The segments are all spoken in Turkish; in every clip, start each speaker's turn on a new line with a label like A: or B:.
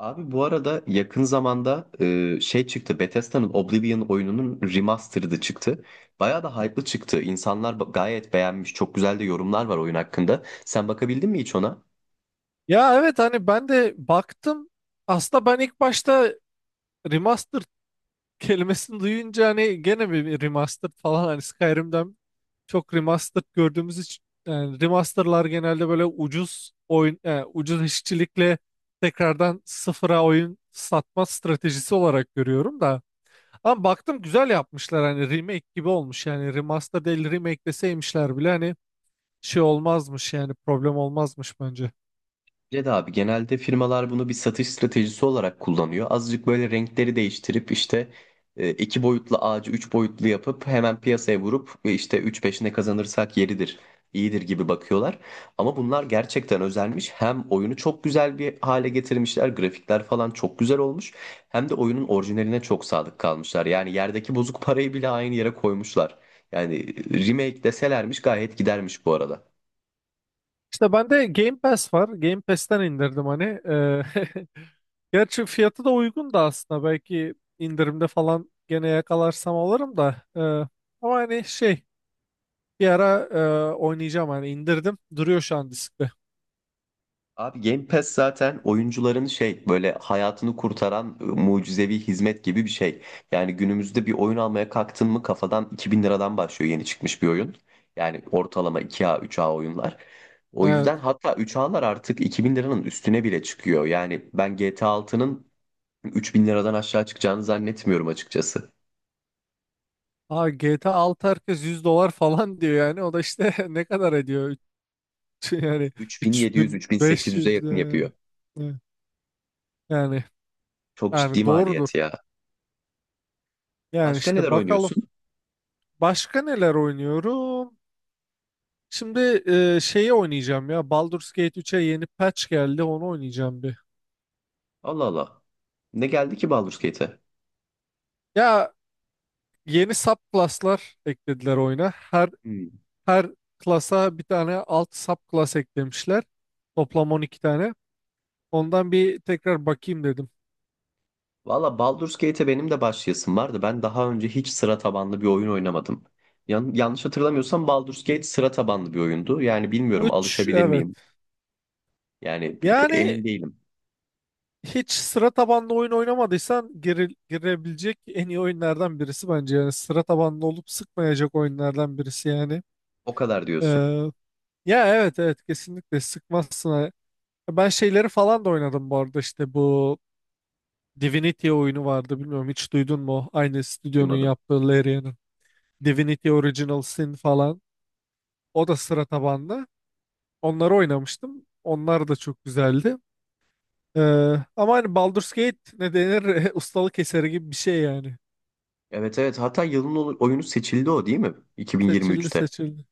A: Abi bu arada yakın zamanda şey çıktı. Bethesda'nın Oblivion oyununun remastered'ı çıktı. Bayağı da hype'lı çıktı. İnsanlar gayet beğenmiş. Çok güzel de yorumlar var oyun hakkında. Sen bakabildin mi hiç ona?
B: Ya evet, hani ben de baktım. Aslında ben ilk başta remastered kelimesini duyunca hani gene bir remastered falan, hani Skyrim'den çok remastered gördüğümüz için, yani remasterlar genelde böyle ucuz oyun ucuz işçilikle tekrardan sıfıra oyun satma stratejisi olarak görüyorum da. Ama baktım güzel yapmışlar, hani remake gibi olmuş. Yani remaster değil remake deseymişler bile hani şey olmazmış, yani problem olmazmış bence.
A: Ced abi genelde firmalar bunu bir satış stratejisi olarak kullanıyor. Azıcık böyle renkleri değiştirip işte iki boyutlu ağacı üç boyutlu yapıp hemen piyasaya vurup işte 3 ne kazanırsak yeridir, iyidir gibi bakıyorlar. Ama bunlar gerçekten özelmiş. Hem oyunu çok güzel bir hale getirmişler, grafikler falan çok güzel olmuş. Hem de oyunun orijinaline çok sadık kalmışlar. Yani yerdeki bozuk parayı bile aynı yere koymuşlar. Yani remake deselermiş gayet gidermiş bu arada.
B: İşte bende Game Pass var. Game Pass'ten indirdim hani. Gerçi fiyatı da uygun da aslında. Belki indirimde falan gene yakalarsam alırım da. Ama hani şey, bir ara oynayacağım hani, indirdim. Duruyor şu an diskte.
A: Abi Game Pass zaten oyuncuların şey böyle hayatını kurtaran mucizevi hizmet gibi bir şey. Yani günümüzde bir oyun almaya kalktın mı kafadan 2000 liradan başlıyor yeni çıkmış bir oyun. Yani ortalama 2A 3A oyunlar. O
B: Evet.
A: yüzden hatta 3A'lar artık 2000 liranın üstüne bile çıkıyor. Yani ben GTA 6'nın 3000 liradan aşağı çıkacağını zannetmiyorum açıkçası.
B: Aa, GTA 6 herkes 100 dolar falan diyor yani. O da işte ne kadar ediyor? Yani
A: 3700-3800'e
B: 3.500
A: yakın
B: yani.
A: yapıyor.
B: Evet. Yani
A: Çok ciddi
B: yani doğrudur.
A: maliyet ya.
B: Yani
A: Başka
B: işte
A: neler
B: bakalım.
A: oynuyorsun?
B: Başka neler oynuyorum? Şimdi şeyi oynayacağım ya. Baldur's Gate 3'e yeni patch geldi. Onu oynayacağım bir.
A: Allah Allah. Ne geldi ki Baldur's Gate'e?
B: Ya, yeni subclass'lar eklediler oyuna. Her
A: Hmm.
B: her klasa bir tane alt subclass eklemişler. Toplam 12 tane. Ondan bir tekrar bakayım dedim.
A: Valla Baldur's Gate'e benim de başlayasım vardı. Ben daha önce hiç sıra tabanlı bir oyun oynamadım. Yanlış hatırlamıyorsam Baldur's Gate sıra tabanlı bir oyundu. Yani bilmiyorum
B: Üç,
A: alışabilir
B: evet.
A: miyim? Yani
B: Yani
A: emin değilim.
B: hiç sıra tabanlı oyun oynamadıysan girebilecek en iyi oyunlardan birisi bence. Yani sıra tabanlı olup sıkmayacak oyunlardan birisi yani.
A: O kadar diyorsun.
B: Ee, ya evet evet, kesinlikle sıkmazsın. Ha. Ben şeyleri falan da oynadım bu arada, işte bu Divinity oyunu vardı, bilmiyorum hiç duydun mu? Aynı stüdyonun
A: Duymadım.
B: yaptığı, Larian'ın. Divinity Original Sin falan. O da sıra tabanlı. Onları oynamıştım. Onlar da çok güzeldi. Ee, ama hani Baldur's Gate ne denir? Ustalık eseri gibi bir şey yani.
A: Evet, evet, hatta yılın oyunu seçildi o değil mi?
B: Seçildi,
A: 2023'te.
B: seçildi.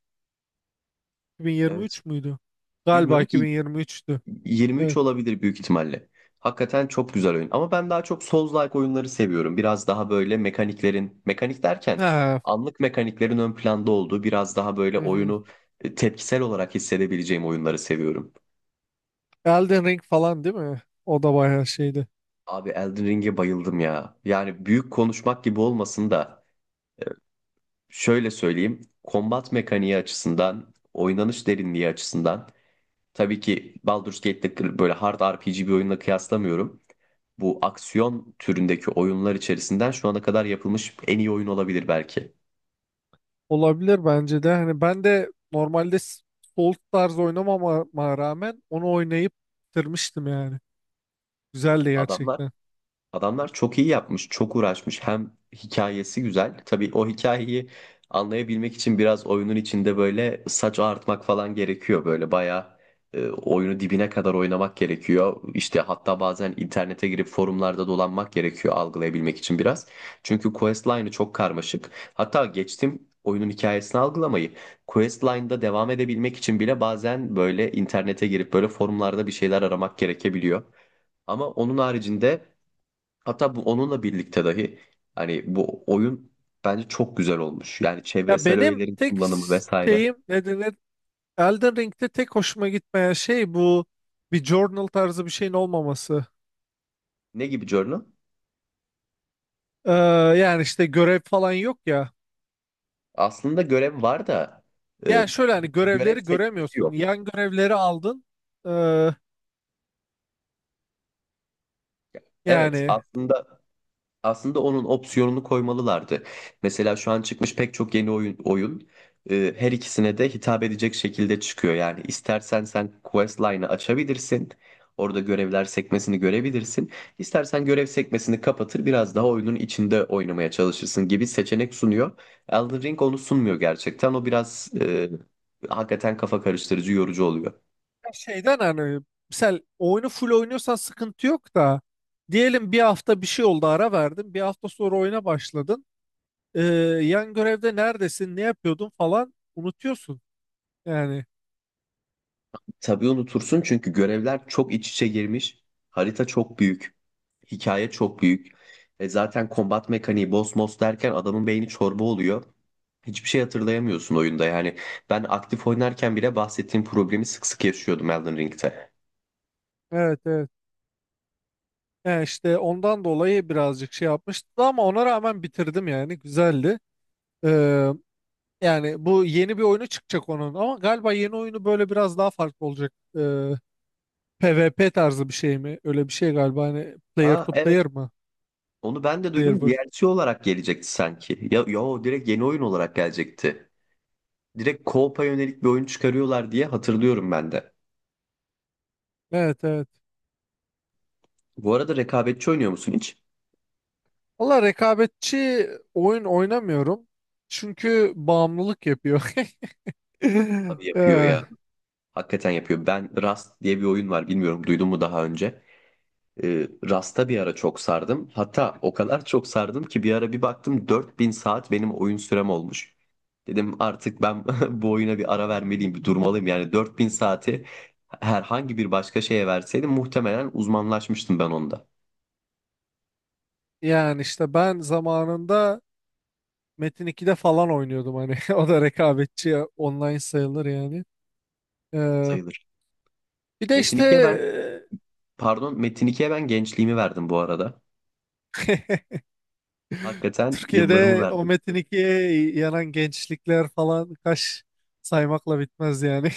A: Evet.
B: 2023 müydü? Galiba
A: Bilmiyorum ki
B: 2023'tü.
A: 23
B: Evet.
A: olabilir büyük ihtimalle. Hakikaten çok güzel oyun. Ama ben daha çok Souls-like oyunları seviyorum. Biraz daha böyle mekaniklerin, mekanik derken
B: Ha,
A: anlık mekaniklerin ön planda olduğu, biraz daha böyle
B: hı hı.
A: oyunu tepkisel olarak hissedebileceğim oyunları seviyorum.
B: Elden Ring falan değil mi? O da bayağı şeydi.
A: Abi Elden Ring'e bayıldım ya. Yani büyük konuşmak gibi olmasın da şöyle söyleyeyim. Kombat mekaniği açısından, oynanış derinliği açısından tabii ki Baldur's Gate'de böyle hard RPG bir oyunla kıyaslamıyorum. Bu aksiyon türündeki oyunlar içerisinden şu ana kadar yapılmış en iyi oyun olabilir belki.
B: Olabilir bence de. Hani ben de normalde Souls tarzı oynamama rağmen onu oynayıp bitirmiştim yani. Güzeldi
A: Adamlar
B: gerçekten.
A: Adamlar çok iyi yapmış, çok uğraşmış. Hem hikayesi güzel. Tabii o hikayeyi anlayabilmek için biraz oyunun içinde böyle saç ağartmak falan gerekiyor. Böyle bayağı oyunu dibine kadar oynamak gerekiyor. İşte hatta bazen internete girip forumlarda dolanmak gerekiyor algılayabilmek için biraz. Çünkü questline'ı çok karmaşık. Hatta geçtim oyunun hikayesini algılamayı. Questline'da devam edebilmek için bile bazen böyle internete girip böyle forumlarda bir şeyler aramak gerekebiliyor. Ama onun haricinde, hatta bu onunla birlikte dahi, hani bu oyun bence çok güzel olmuş. Yani
B: Ya
A: çevresel
B: benim
A: öğelerin
B: tek
A: kullanımı vesaire.
B: şeyim ne denir? Elden Ring'de tek hoşuma gitmeyen şey bu, bir journal tarzı bir şeyin olmaması.
A: Ne gibi Journal?
B: Ee, yani işte görev falan yok ya.
A: Aslında görev var da e,
B: Yani şöyle, hani
A: görev
B: görevleri
A: seçmesi
B: göremiyorsun.
A: yok.
B: Yan görevleri aldın. Ee,
A: Evet,
B: yani
A: aslında onun opsiyonunu koymalılardı. Mesela şu an çıkmış pek çok yeni oyun her ikisine de hitap edecek şekilde çıkıyor. Yani istersen sen quest line'ı açabilirsin. Orada görevler sekmesini görebilirsin. İstersen görev sekmesini kapatır biraz daha oyunun içinde oynamaya çalışırsın gibi seçenek sunuyor. Elden Ring onu sunmuyor gerçekten. O biraz hakikaten kafa karıştırıcı, yorucu oluyor.
B: şeyden, hani mesela oyunu full oynuyorsan sıkıntı yok da, diyelim bir hafta bir şey oldu, ara verdin. Bir hafta sonra oyuna başladın. Ee, yan görevde neredesin, ne yapıyordun falan unutuyorsun. Yani
A: Tabii unutursun çünkü görevler çok iç içe girmiş. Harita çok büyük. Hikaye çok büyük. E zaten kombat mekaniği boss boss derken adamın beyni çorba oluyor. Hiçbir şey hatırlayamıyorsun oyunda yani. Ben aktif oynarken bile bahsettiğim problemi sık sık yaşıyordum Elden Ring'te.
B: evet, evet. Yani işte ondan dolayı birazcık şey yapmıştı, ama ona rağmen bitirdim, yani güzeldi. Ee, yani bu, yeni bir oyunu çıkacak onun, ama galiba yeni oyunu böyle biraz daha farklı olacak. Ee, PvP tarzı bir şey mi? Öyle bir şey galiba, hani player
A: Aa
B: to
A: evet,
B: player mı?
A: onu ben de
B: Player
A: duydum.
B: vs.
A: DLC olarak gelecekti sanki. Ya yo, direkt yeni oyun olarak gelecekti. Direkt co-op'a yönelik bir oyun çıkarıyorlar diye hatırlıyorum ben de.
B: Evet evet.
A: Bu arada rekabetçi oynuyor musun hiç?
B: Valla rekabetçi oyun oynamıyorum. Çünkü bağımlılık yapıyor.
A: Abi yapıyor
B: Eh,
A: ya. Hakikaten yapıyor. Ben Rust diye bir oyun var. Bilmiyorum duydun mu daha önce? Rust'a bir ara çok sardım. Hatta o kadar çok sardım ki bir ara bir baktım 4000 saat benim oyun sürem olmuş. Dedim artık ben bu oyuna bir ara vermeliyim, bir durmalıyım. Yani 4000 saati herhangi bir başka şeye verseydim muhtemelen uzmanlaşmıştım ben onda.
B: yani işte ben zamanında Metin 2'de falan oynuyordum hani. O da rekabetçi ya, online sayılır yani. Eh,
A: Sayılır.
B: bir de
A: Metin
B: işte
A: 2'ye ben, pardon Metin 2'ye ben gençliğimi verdim bu arada.
B: eh,
A: Hakikaten yıllarımı
B: Türkiye'de o
A: verdim.
B: Metin 2'ye yanan gençlikler falan kaç, saymakla bitmez yani.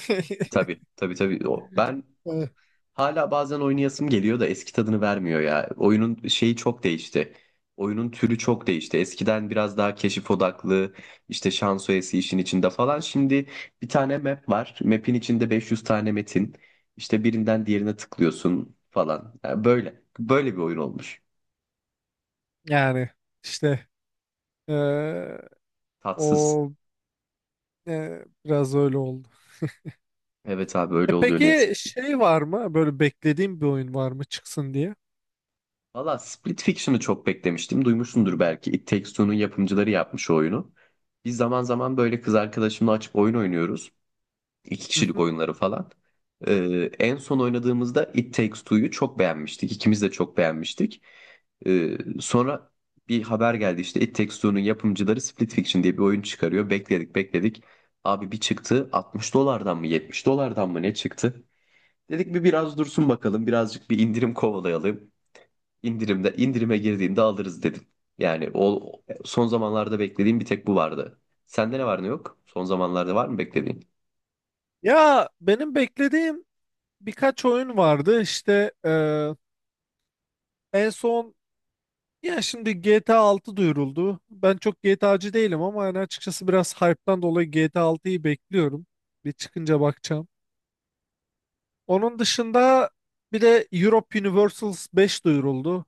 A: Tabii, tabii, tabii. O, ben
B: Eh,
A: Hala bazen oynayasım geliyor da eski tadını vermiyor ya. Oyunun şeyi çok değişti. Oyunun türü çok değişti. Eskiden biraz daha keşif odaklı, işte şans oyası işin içinde falan. Şimdi bir tane map var. Map'in içinde 500 tane metin. İşte birinden diğerine tıklıyorsun falan. Yani böyle. Böyle bir oyun olmuş.
B: yani işte eee,
A: Tatsız.
B: o biraz öyle oldu.
A: Evet abi
B: E
A: öyle oluyor ne yazık.
B: peki şey var mı? Böyle beklediğim bir oyun var mı çıksın diye?
A: Valla Split Fiction'ı çok beklemiştim. Duymuşsundur belki. It Takes Two'nun yapımcıları yapmış o oyunu. Biz zaman zaman böyle kız arkadaşımla açıp oyun oynuyoruz. İki
B: Hı
A: kişilik
B: hı.
A: oyunları falan. En son oynadığımızda It Takes Two'yu çok beğenmiştik. İkimiz de çok beğenmiştik. Sonra bir haber geldi, işte It Takes Two'nun yapımcıları Split Fiction diye bir oyun çıkarıyor. Bekledik bekledik. Abi bir çıktı, 60 dolardan mı 70 dolardan mı ne çıktı? Dedik bir biraz dursun bakalım, birazcık bir indirim kovalayalım. İndirimde, indirime girdiğinde alırız dedim. Yani o, son zamanlarda beklediğim bir tek bu vardı. Sende ne var ne yok? Son zamanlarda var mı beklediğin?
B: Ya benim beklediğim birkaç oyun vardı. İşte en son, ya şimdi GTA 6 duyuruldu. Ben çok GTA'cı değilim ama yani açıkçası biraz hype'tan dolayı GTA 6'yı bekliyorum. Bir çıkınca bakacağım. Onun dışında bir de Europe Universals 5 duyuruldu.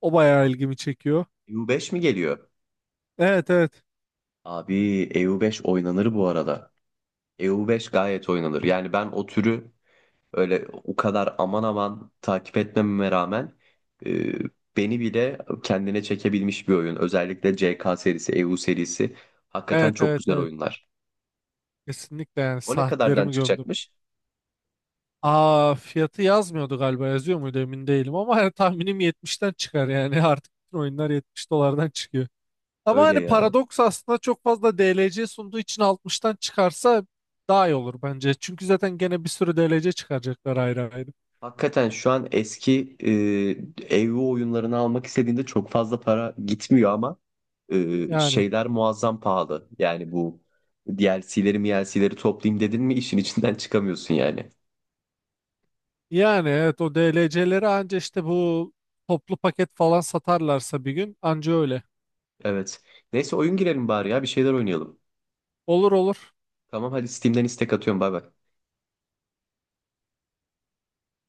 B: O bayağı ilgimi çekiyor.
A: U5 mi geliyor?
B: Evet evet.
A: Abi EU5 oynanır bu arada. EU5 gayet oynanır. Yani ben o türü öyle o kadar aman aman takip etmememe rağmen e, beni bile kendine çekebilmiş bir oyun. Özellikle CK serisi, EU serisi hakikaten
B: Evet
A: çok
B: evet
A: güzel
B: evet.
A: oyunlar.
B: Kesinlikle, yani
A: O ne kadardan
B: saatlerimi gömdüm.
A: çıkacakmış?
B: Aa, fiyatı yazmıyordu galiba, yazıyor muydu emin değilim ama yani tahminim 70'ten çıkar yani. Artık bütün oyunlar 70 dolardan çıkıyor. Ama
A: Öyle
B: hani
A: ya.
B: paradoks aslında çok fazla DLC sunduğu için 60'tan çıkarsa daha iyi olur bence. Çünkü zaten gene bir sürü DLC çıkaracaklar ayrı ayrı.
A: Hakikaten şu an eski ev oyunlarını almak istediğinde çok fazla para gitmiyor ama
B: Yani
A: şeyler muazzam pahalı. Yani bu DLC'leri MLC'leri toplayayım dedin mi işin içinden çıkamıyorsun yani.
B: yani evet, o DLC'leri anca işte bu toplu paket falan satarlarsa, bir gün anca öyle.
A: Evet. Neyse oyun girelim bari ya, bir şeyler oynayalım.
B: Olur olur.
A: Tamam hadi Steam'den istek atıyorum, bay bay.